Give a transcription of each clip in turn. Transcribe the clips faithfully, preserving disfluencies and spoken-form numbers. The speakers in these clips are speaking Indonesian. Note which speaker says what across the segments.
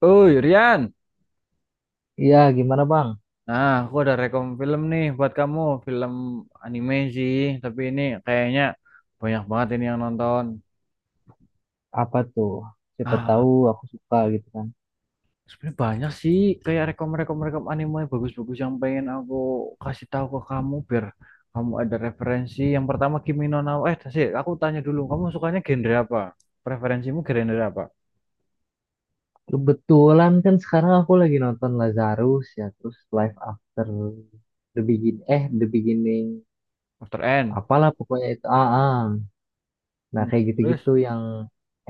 Speaker 1: Uy, Rian.
Speaker 2: Iya, gimana Bang?
Speaker 1: Nah, aku ada rekom film nih buat kamu. Film anime sih, tapi ini kayaknya banyak banget ini yang nonton.
Speaker 2: Apa tuh? Siapa
Speaker 1: Ah,
Speaker 2: tahu aku suka gitu kan.
Speaker 1: sebenarnya banyak sih kayak rekom-rekom rekom anime bagus-bagus yang pengen aku kasih tahu ke kamu biar kamu ada referensi. Yang pertama Kimi no Na wa- Eh, sih, aku tanya dulu, kamu sukanya genre apa? Preferensimu genre apa?
Speaker 2: Kebetulan kan sekarang aku lagi nonton Lazarus ya, terus Life After The Begin eh The Beginning.
Speaker 1: After N.
Speaker 2: Apalah pokoknya itu. Ah, ah. Nah,
Speaker 1: Hmm,
Speaker 2: kayak
Speaker 1: terus
Speaker 2: gitu-gitu yang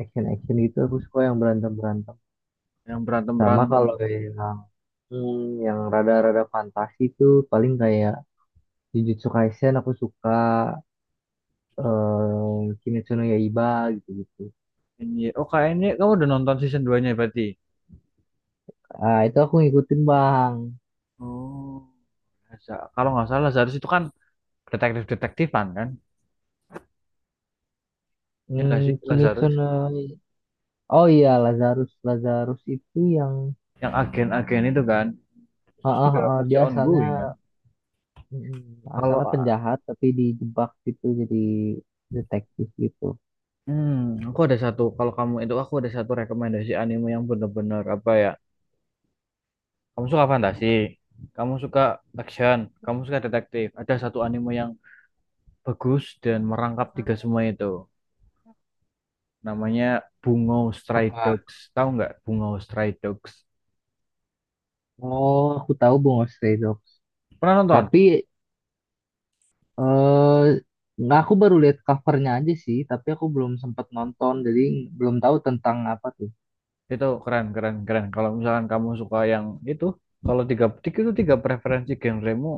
Speaker 2: action-action gitu aku suka yang berantem-berantem.
Speaker 1: yang
Speaker 2: Sama
Speaker 1: berantem-berantem.
Speaker 2: kalau yang hmm, yang rada-rada fantasi tuh paling kayak Jujutsu Kaisen aku suka eh Kimetsu no Yaiba gitu-gitu.
Speaker 1: Ini, oh kayaknya kamu udah nonton season dua-nya berarti.
Speaker 2: Ah, itu aku ngikutin, Bang.
Speaker 1: Oh, Laza- kalau nggak salah Lazarus itu kan detektif-detektifan kan? Ya nggak sih
Speaker 2: Hmm, Kimetsu
Speaker 1: Lazarus?
Speaker 2: no... Oh iya, Lazarus. Lazarus itu yang...
Speaker 1: Yang agen-agen itu kan?
Speaker 2: Ah,
Speaker 1: Itu
Speaker 2: ah,
Speaker 1: juga
Speaker 2: ah,
Speaker 1: masih
Speaker 2: dia asalnya...
Speaker 1: ongoing kan?
Speaker 2: mm,
Speaker 1: Kalau
Speaker 2: asalnya penjahat, tapi dijebak gitu jadi detektif gitu.
Speaker 1: hmm, aku ada satu, kalau kamu itu aku ada satu rekomendasi anime yang bener-bener apa ya? Kamu suka fantasi, kamu suka action, kamu suka detektif. Ada satu anime yang bagus dan merangkap tiga semua itu. Namanya Bungo Stray
Speaker 2: Apa?
Speaker 1: Dogs. Tahu nggak Bungo Stray Dogs?
Speaker 2: Oh, aku tahu Bungo Stray Dogs.
Speaker 1: Pernah nonton?
Speaker 2: Tapi... eh nggak, aku baru lihat covernya aja sih. Tapi aku belum sempat nonton. Jadi belum tahu tentang apa tuh.
Speaker 1: Itu keren, keren, keren. Kalau misalkan kamu suka yang itu, kalau tiga itu tiga preferensi genremu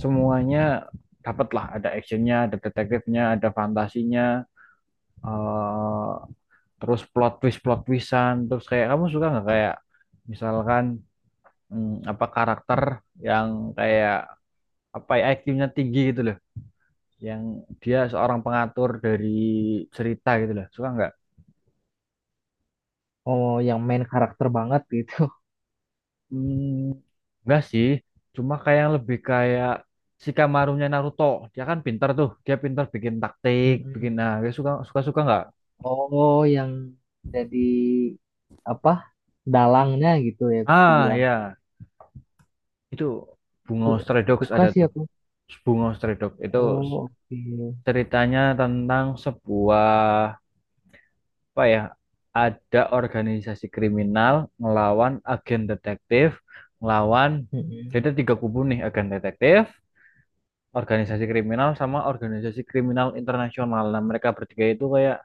Speaker 1: semuanya dapat lah. Ada actionnya, ada detektifnya, ada fantasinya, eh, terus plot twist, plot twistan. Terus kayak kamu suka nggak kayak misalkan hmm, apa karakter yang kayak apa ya I Q-nya tinggi gitu loh, yang dia seorang pengatur dari cerita gitu loh. Suka nggak?
Speaker 2: Oh, yang main karakter banget gitu.
Speaker 1: Hmm, enggak sih, cuma kayak yang lebih kayak Shikamaru-nya Naruto. Dia kan pintar tuh, dia pintar bikin taktik, bikin
Speaker 2: Mm-mm.
Speaker 1: nah, dia suka suka suka nggak?
Speaker 2: Oh, yang jadi apa dalangnya gitu ya bisa
Speaker 1: Ah
Speaker 2: dibilang.
Speaker 1: ya, itu Bungo
Speaker 2: Su-
Speaker 1: Stray Dogs
Speaker 2: suka
Speaker 1: ada
Speaker 2: sih
Speaker 1: tuh.
Speaker 2: aku.
Speaker 1: Bungo Stray Dogs itu
Speaker 2: Oh, oke.
Speaker 1: ceritanya tentang sebuah apa ya? Ada organisasi kriminal ngelawan agen detektif, ngelawan
Speaker 2: Mm-mm.
Speaker 1: jadi ada tiga kubu nih agen detektif, organisasi kriminal sama organisasi kriminal internasional. Nah, mereka bertiga itu kayak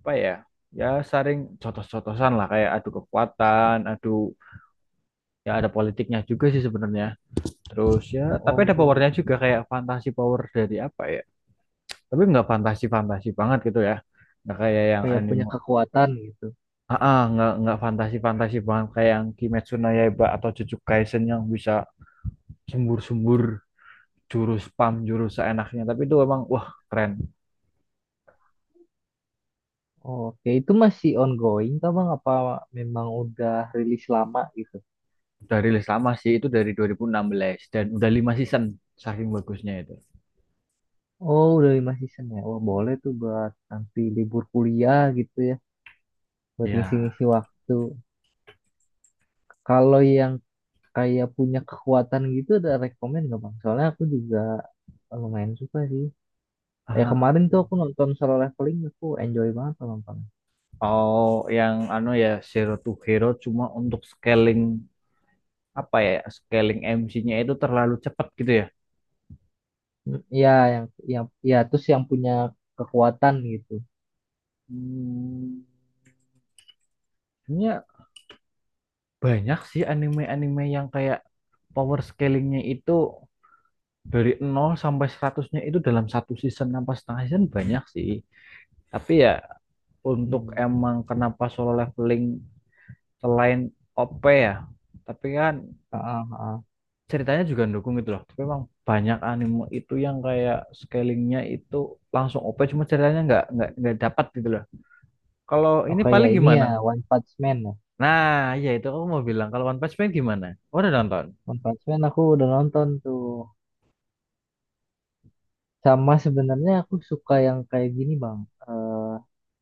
Speaker 1: apa ya? Ya saring cotos-cotosan lah kayak adu kekuatan, adu ya ada politiknya juga sih sebenarnya. Terus ya tapi ada
Speaker 2: Oh,
Speaker 1: powernya
Speaker 2: gitu.
Speaker 1: juga kayak fantasi power dari apa ya? Tapi nggak fantasi-fantasi banget gitu ya. Nggak kayak yang
Speaker 2: Kayak punya
Speaker 1: anime.
Speaker 2: kekuatan gitu.
Speaker 1: Ah, ah, nggak nggak fantasi-fantasi banget kayak yang Kimetsu no Yaiba atau Jujutsu Kaisen yang bisa sembur-sembur jurus spam jurus seenaknya, tapi itu emang wah keren.
Speaker 2: Oh, oke, itu masih ongoing kah Bang? Apa memang udah rilis lama gitu?
Speaker 1: Udah rilis lama sih, itu dari dua ribu enam belas dan udah lima season saking bagusnya itu.
Speaker 2: Oh, udah lima season ya. Wah, boleh tuh buat nanti libur kuliah gitu ya. Buat
Speaker 1: Ya.
Speaker 2: ngisi-ngisi waktu. Kalau yang kayak punya kekuatan gitu ada rekomen nggak Bang? Soalnya aku juga lumayan suka sih. Ya
Speaker 1: Ah,
Speaker 2: kemarin tuh aku nonton solo leveling aku enjoy banget tuh nonton.
Speaker 1: Oh, yang anu ya Zero to Hero cuma untuk scaling apa ya? Scaling M C-nya itu terlalu cepat gitu ya.
Speaker 2: Hmm, iya, yang yang ya terus yang punya kekuatan gitu.
Speaker 1: Hmm, sebenarnya banyak sih anime-anime yang kayak power scalingnya itu dari nol sampai seratus-nya itu dalam satu season apa setengah season banyak sih. Tapi ya untuk
Speaker 2: Hmm.
Speaker 1: emang kenapa solo leveling selain O P ya tapi kan
Speaker 2: Ah, ah, ah.
Speaker 1: ceritanya juga dukung gitu loh, tapi emang banyak anime itu yang kayak scalingnya itu langsung O P cuma ceritanya nggak nggak nggak dapat gitu loh. Kalau ini
Speaker 2: Oke ya
Speaker 1: paling
Speaker 2: ini
Speaker 1: gimana?
Speaker 2: ya, One Punch Man ya.
Speaker 1: Nah, ya itu aku mau bilang kalau One Punch Man gimana. Oh, udah nonton.
Speaker 2: One Punch Man aku udah nonton tuh, sama sebenarnya aku suka yang kayak gini bang. Eh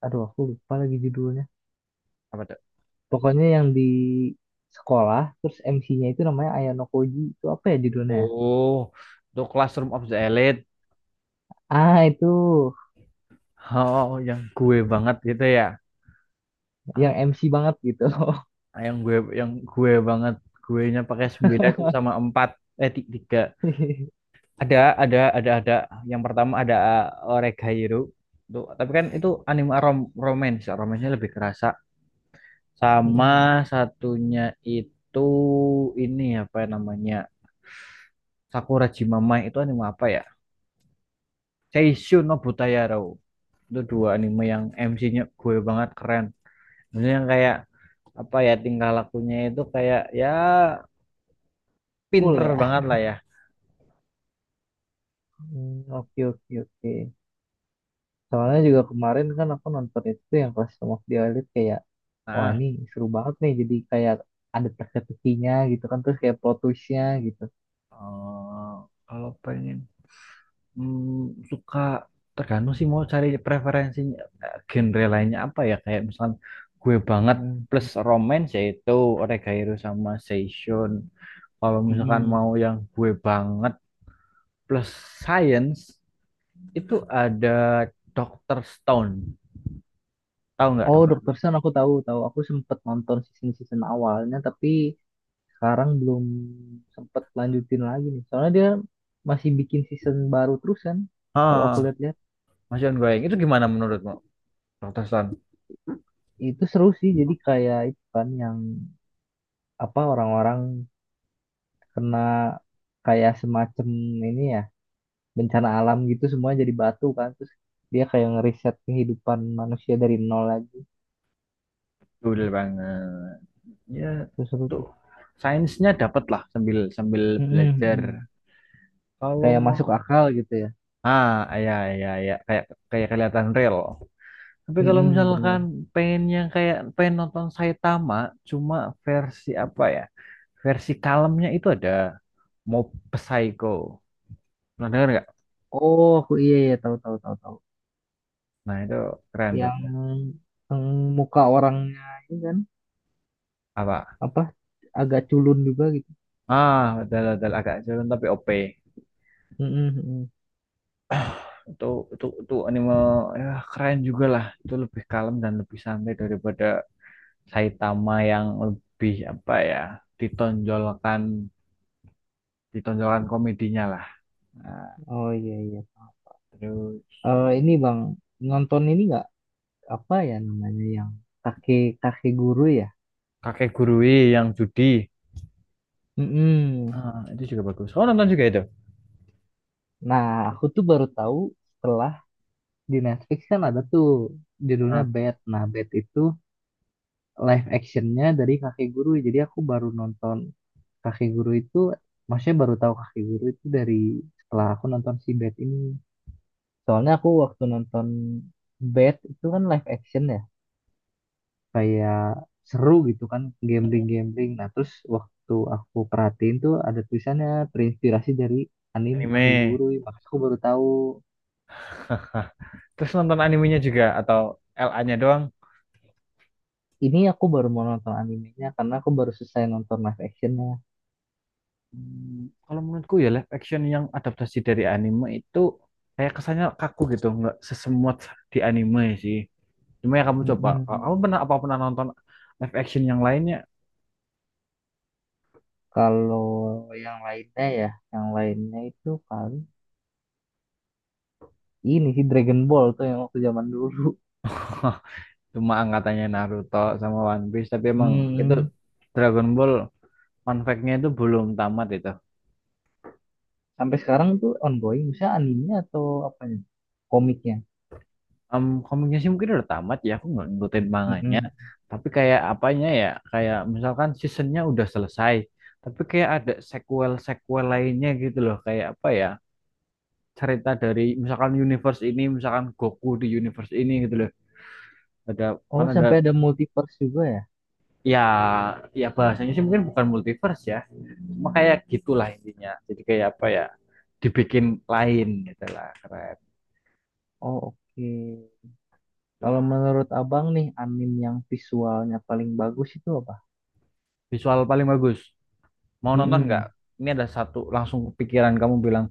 Speaker 2: aduh aku lupa lagi judulnya,
Speaker 1: Apa tuh?
Speaker 2: pokoknya yang di sekolah terus M C-nya itu namanya Ayano Koji, itu apa ya judulnya ya?
Speaker 1: Oh, itu Classroom of the Elite.
Speaker 2: Ah itu,
Speaker 1: Oh, yang gue banget gitu ya.
Speaker 2: yang
Speaker 1: Ah,
Speaker 2: M C banget gitu.
Speaker 1: yang gue yang gue banget guenya pakai sembilan sama empat, eh tiga. Ada, ada, ada, ada. Yang pertama ada uh, Oregairu. Tuh, tapi kan itu anime rom romance, romance-nya lebih kerasa. Sama satunya itu ini apa namanya? Sakura Jimamai itu anime apa ya? Seishun no Butayaro. Itu dua anime yang M C-nya gue banget keren. Maksudnya yang kayak apa ya tingkah lakunya itu kayak ya
Speaker 2: Cool
Speaker 1: pinter
Speaker 2: ya.
Speaker 1: banget lah ya.
Speaker 2: Hmm, oke oke oke. Soalnya juga kemarin kan aku nonton itu yang kelas Some of the Elite, kayak wah
Speaker 1: Nah,
Speaker 2: ini seru banget nih, jadi kayak ada teka-tekinya gitu kan terus kayak plot twist-nya gitu.
Speaker 1: eh, kalau pengen Hmm, suka tergantung sih mau cari preferensinya eh, genre lainnya apa ya kayak misalkan gue banget
Speaker 2: Hmm.
Speaker 1: plus romance yaitu Oregairo sama Seishun. Kalau misalkan
Speaker 2: Mm-mm.
Speaker 1: mau yang gue banget plus science itu ada doctor Stone. Tahu nggak
Speaker 2: Oh,
Speaker 1: doctor?
Speaker 2: dokter Stone aku tahu tahu, aku sempet nonton season-season awalnya tapi sekarang belum sempet lanjutin lagi nih. Soalnya dia masih bikin season baru terus kan. Kalau
Speaker 1: ah
Speaker 2: aku lihat-lihat
Speaker 1: Maksud gue itu gimana menurutmu doctor Stone?
Speaker 2: itu seru sih, jadi kayak itu kan yang apa, orang-orang kena kayak semacam ini ya, bencana alam gitu, semuanya jadi batu kan, terus dia kayak ngeriset kehidupan manusia dari nol lagi,
Speaker 1: Dulu banget ya.
Speaker 2: terus seru
Speaker 1: Tuh.
Speaker 2: tuh.
Speaker 1: Sainsnya dapat lah, sambil sambil
Speaker 2: Mm-mm,
Speaker 1: belajar
Speaker 2: mm-mm.
Speaker 1: kalau
Speaker 2: Kayak
Speaker 1: mau.
Speaker 2: masuk akal gitu ya.
Speaker 1: Ah, ya, ya, ya, kayak kayak kelihatan real. Tapi kalau
Speaker 2: Mm-mm, benar.
Speaker 1: misalkan pengennya kayak pengen nonton Saitama, cuma versi apa ya? Versi kalemnya itu ada Mob Psycho. Pernah dengar nggak?
Speaker 2: Oh aku iya iya, tahu tahu tahu tahu,
Speaker 1: Nah itu keren tuh.
Speaker 2: yang, yang muka orangnya ini kan
Speaker 1: Apa?
Speaker 2: apa agak culun juga gitu.
Speaker 1: Ah, betul betul agak jalan tapi O P.
Speaker 2: Mm-mm, mm-mm.
Speaker 1: Itu itu itu anime ya, keren juga lah. Itu lebih kalem dan lebih santai daripada Saitama yang lebih apa ya? Ditonjolkan ditonjolkan komedinya lah. Nah,
Speaker 2: Oh iya iya.
Speaker 1: terus
Speaker 2: Eh ini bang, nonton ini nggak, apa ya namanya, yang kakek kakek guru ya.
Speaker 1: Kakek Gurui yang judi.
Speaker 2: Mm-mm.
Speaker 1: Ah, itu juga bagus. Oh, nonton juga itu.
Speaker 2: Nah, aku tuh baru tahu setelah di Netflix kan ada tuh judulnya
Speaker 1: Ah,
Speaker 2: Bad. Nah, Bad itu live actionnya dari Kakek Guru. Jadi aku baru nonton Kakek Guru itu, maksudnya baru tahu Kakek Guru itu dari setelah aku nonton si Bad ini. Soalnya aku waktu nonton Bad itu kan live action ya, kayak seru gitu kan, gambling-gambling. Nah, terus waktu aku perhatiin tuh ada tulisannya terinspirasi dari anime Kakek
Speaker 1: anime.
Speaker 2: Guru. Makanya aku baru tahu.
Speaker 1: Terus nonton animenya juga atau L a nya doang?
Speaker 2: Ini aku baru mau nonton animenya karena aku baru selesai nonton live actionnya.
Speaker 1: Hmm, kalau menurutku ya live action yang adaptasi dari anime itu kayak kesannya kaku gitu, nggak sesemut di anime sih. Cuma ya kamu coba, kamu
Speaker 2: Mm-mm.
Speaker 1: pernah apa pernah nonton live action yang lainnya?
Speaker 2: Kalau yang lainnya ya, yang lainnya itu paling ini sih Dragon Ball tuh yang waktu zaman dulu.
Speaker 1: Cuma angkatannya Naruto sama One Piece, tapi emang itu
Speaker 2: Mm-mm.
Speaker 1: Dragon Ball, fun fact-nya itu belum tamat itu.
Speaker 2: Sampai sekarang tuh ongoing, misalnya animenya atau apanya? Komiknya.
Speaker 1: Em, komiknya sih mungkin udah tamat ya, aku nggak ngikutin manganya.
Speaker 2: Mm-mm.
Speaker 1: Tapi kayak apanya ya, kayak misalkan seasonnya udah selesai, tapi kayak ada sequel-sequel lainnya gitu loh. Kayak apa ya, cerita dari misalkan universe ini, misalkan Goku di universe ini gitu loh. Ada,
Speaker 2: Oh,
Speaker 1: kan ada,
Speaker 2: sampai ada multiverse juga ya?
Speaker 1: ya, ya bahasanya sih mungkin bukan multiverse ya. Cuma kayak gitulah intinya. Jadi kayak apa ya, dibikin lain gitu lah, keren.
Speaker 2: Oh, oke.
Speaker 1: Tuh.
Speaker 2: Kalau menurut abang nih, anime yang visualnya paling bagus itu apa?
Speaker 1: Visual paling bagus. Mau nonton nggak?
Speaker 2: Mm-mm.
Speaker 1: Ini ada satu langsung kepikiran kamu bilang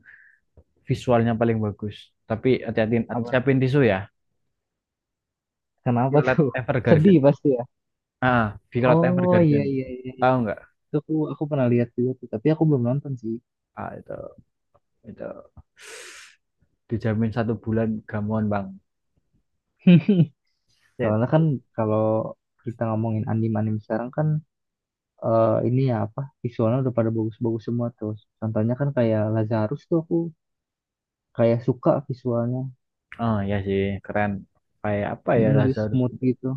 Speaker 1: visualnya paling bagus. Tapi hati-hati,
Speaker 2: Apa tuh?
Speaker 1: siapin tisu ya.
Speaker 2: Kenapa
Speaker 1: Violet
Speaker 2: tuh? Sedih
Speaker 1: Evergarden.
Speaker 2: pasti ya?
Speaker 1: Ah, Violet
Speaker 2: Oh, iya,
Speaker 1: Evergarden.
Speaker 2: iya, iya.
Speaker 1: Tahu nggak?
Speaker 2: Itu aku aku pernah lihat juga tuh, tapi aku belum nonton sih.
Speaker 1: Ah, itu itu dijamin satu bulan gamon bang. Shit.
Speaker 2: Soalnya kan kalau kita ngomongin anime-anime sekarang kan eh, ini ya apa, visualnya udah pada bagus-bagus semua tuh. Contohnya kan kayak Lazarus tuh aku kayak suka visualnya.
Speaker 1: Oh ya sih, keren. Kayak apa ya
Speaker 2: Mm, di
Speaker 1: Lazarus?
Speaker 2: smooth gitu.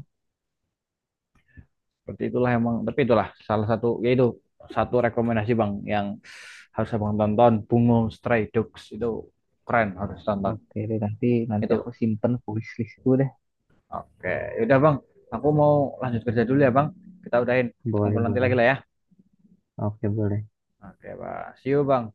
Speaker 1: Seperti itulah emang. Tapi itulah salah satu yaitu satu rekomendasi bang yang harus abang tonton. Bungo Stray Dogs itu keren harus tonton.
Speaker 2: Oke deh, nanti nanti aku
Speaker 1: Itu
Speaker 2: simpen wish listku deh.
Speaker 1: Oke, yaudah Bang. Aku mau lanjut kerja dulu ya Bang. Kita udahin, kita
Speaker 2: Boleh
Speaker 1: ngobrol nanti
Speaker 2: boleh.
Speaker 1: lagi lah ya.
Speaker 2: Oke boleh.
Speaker 1: Oke, Bang. See you, Bang.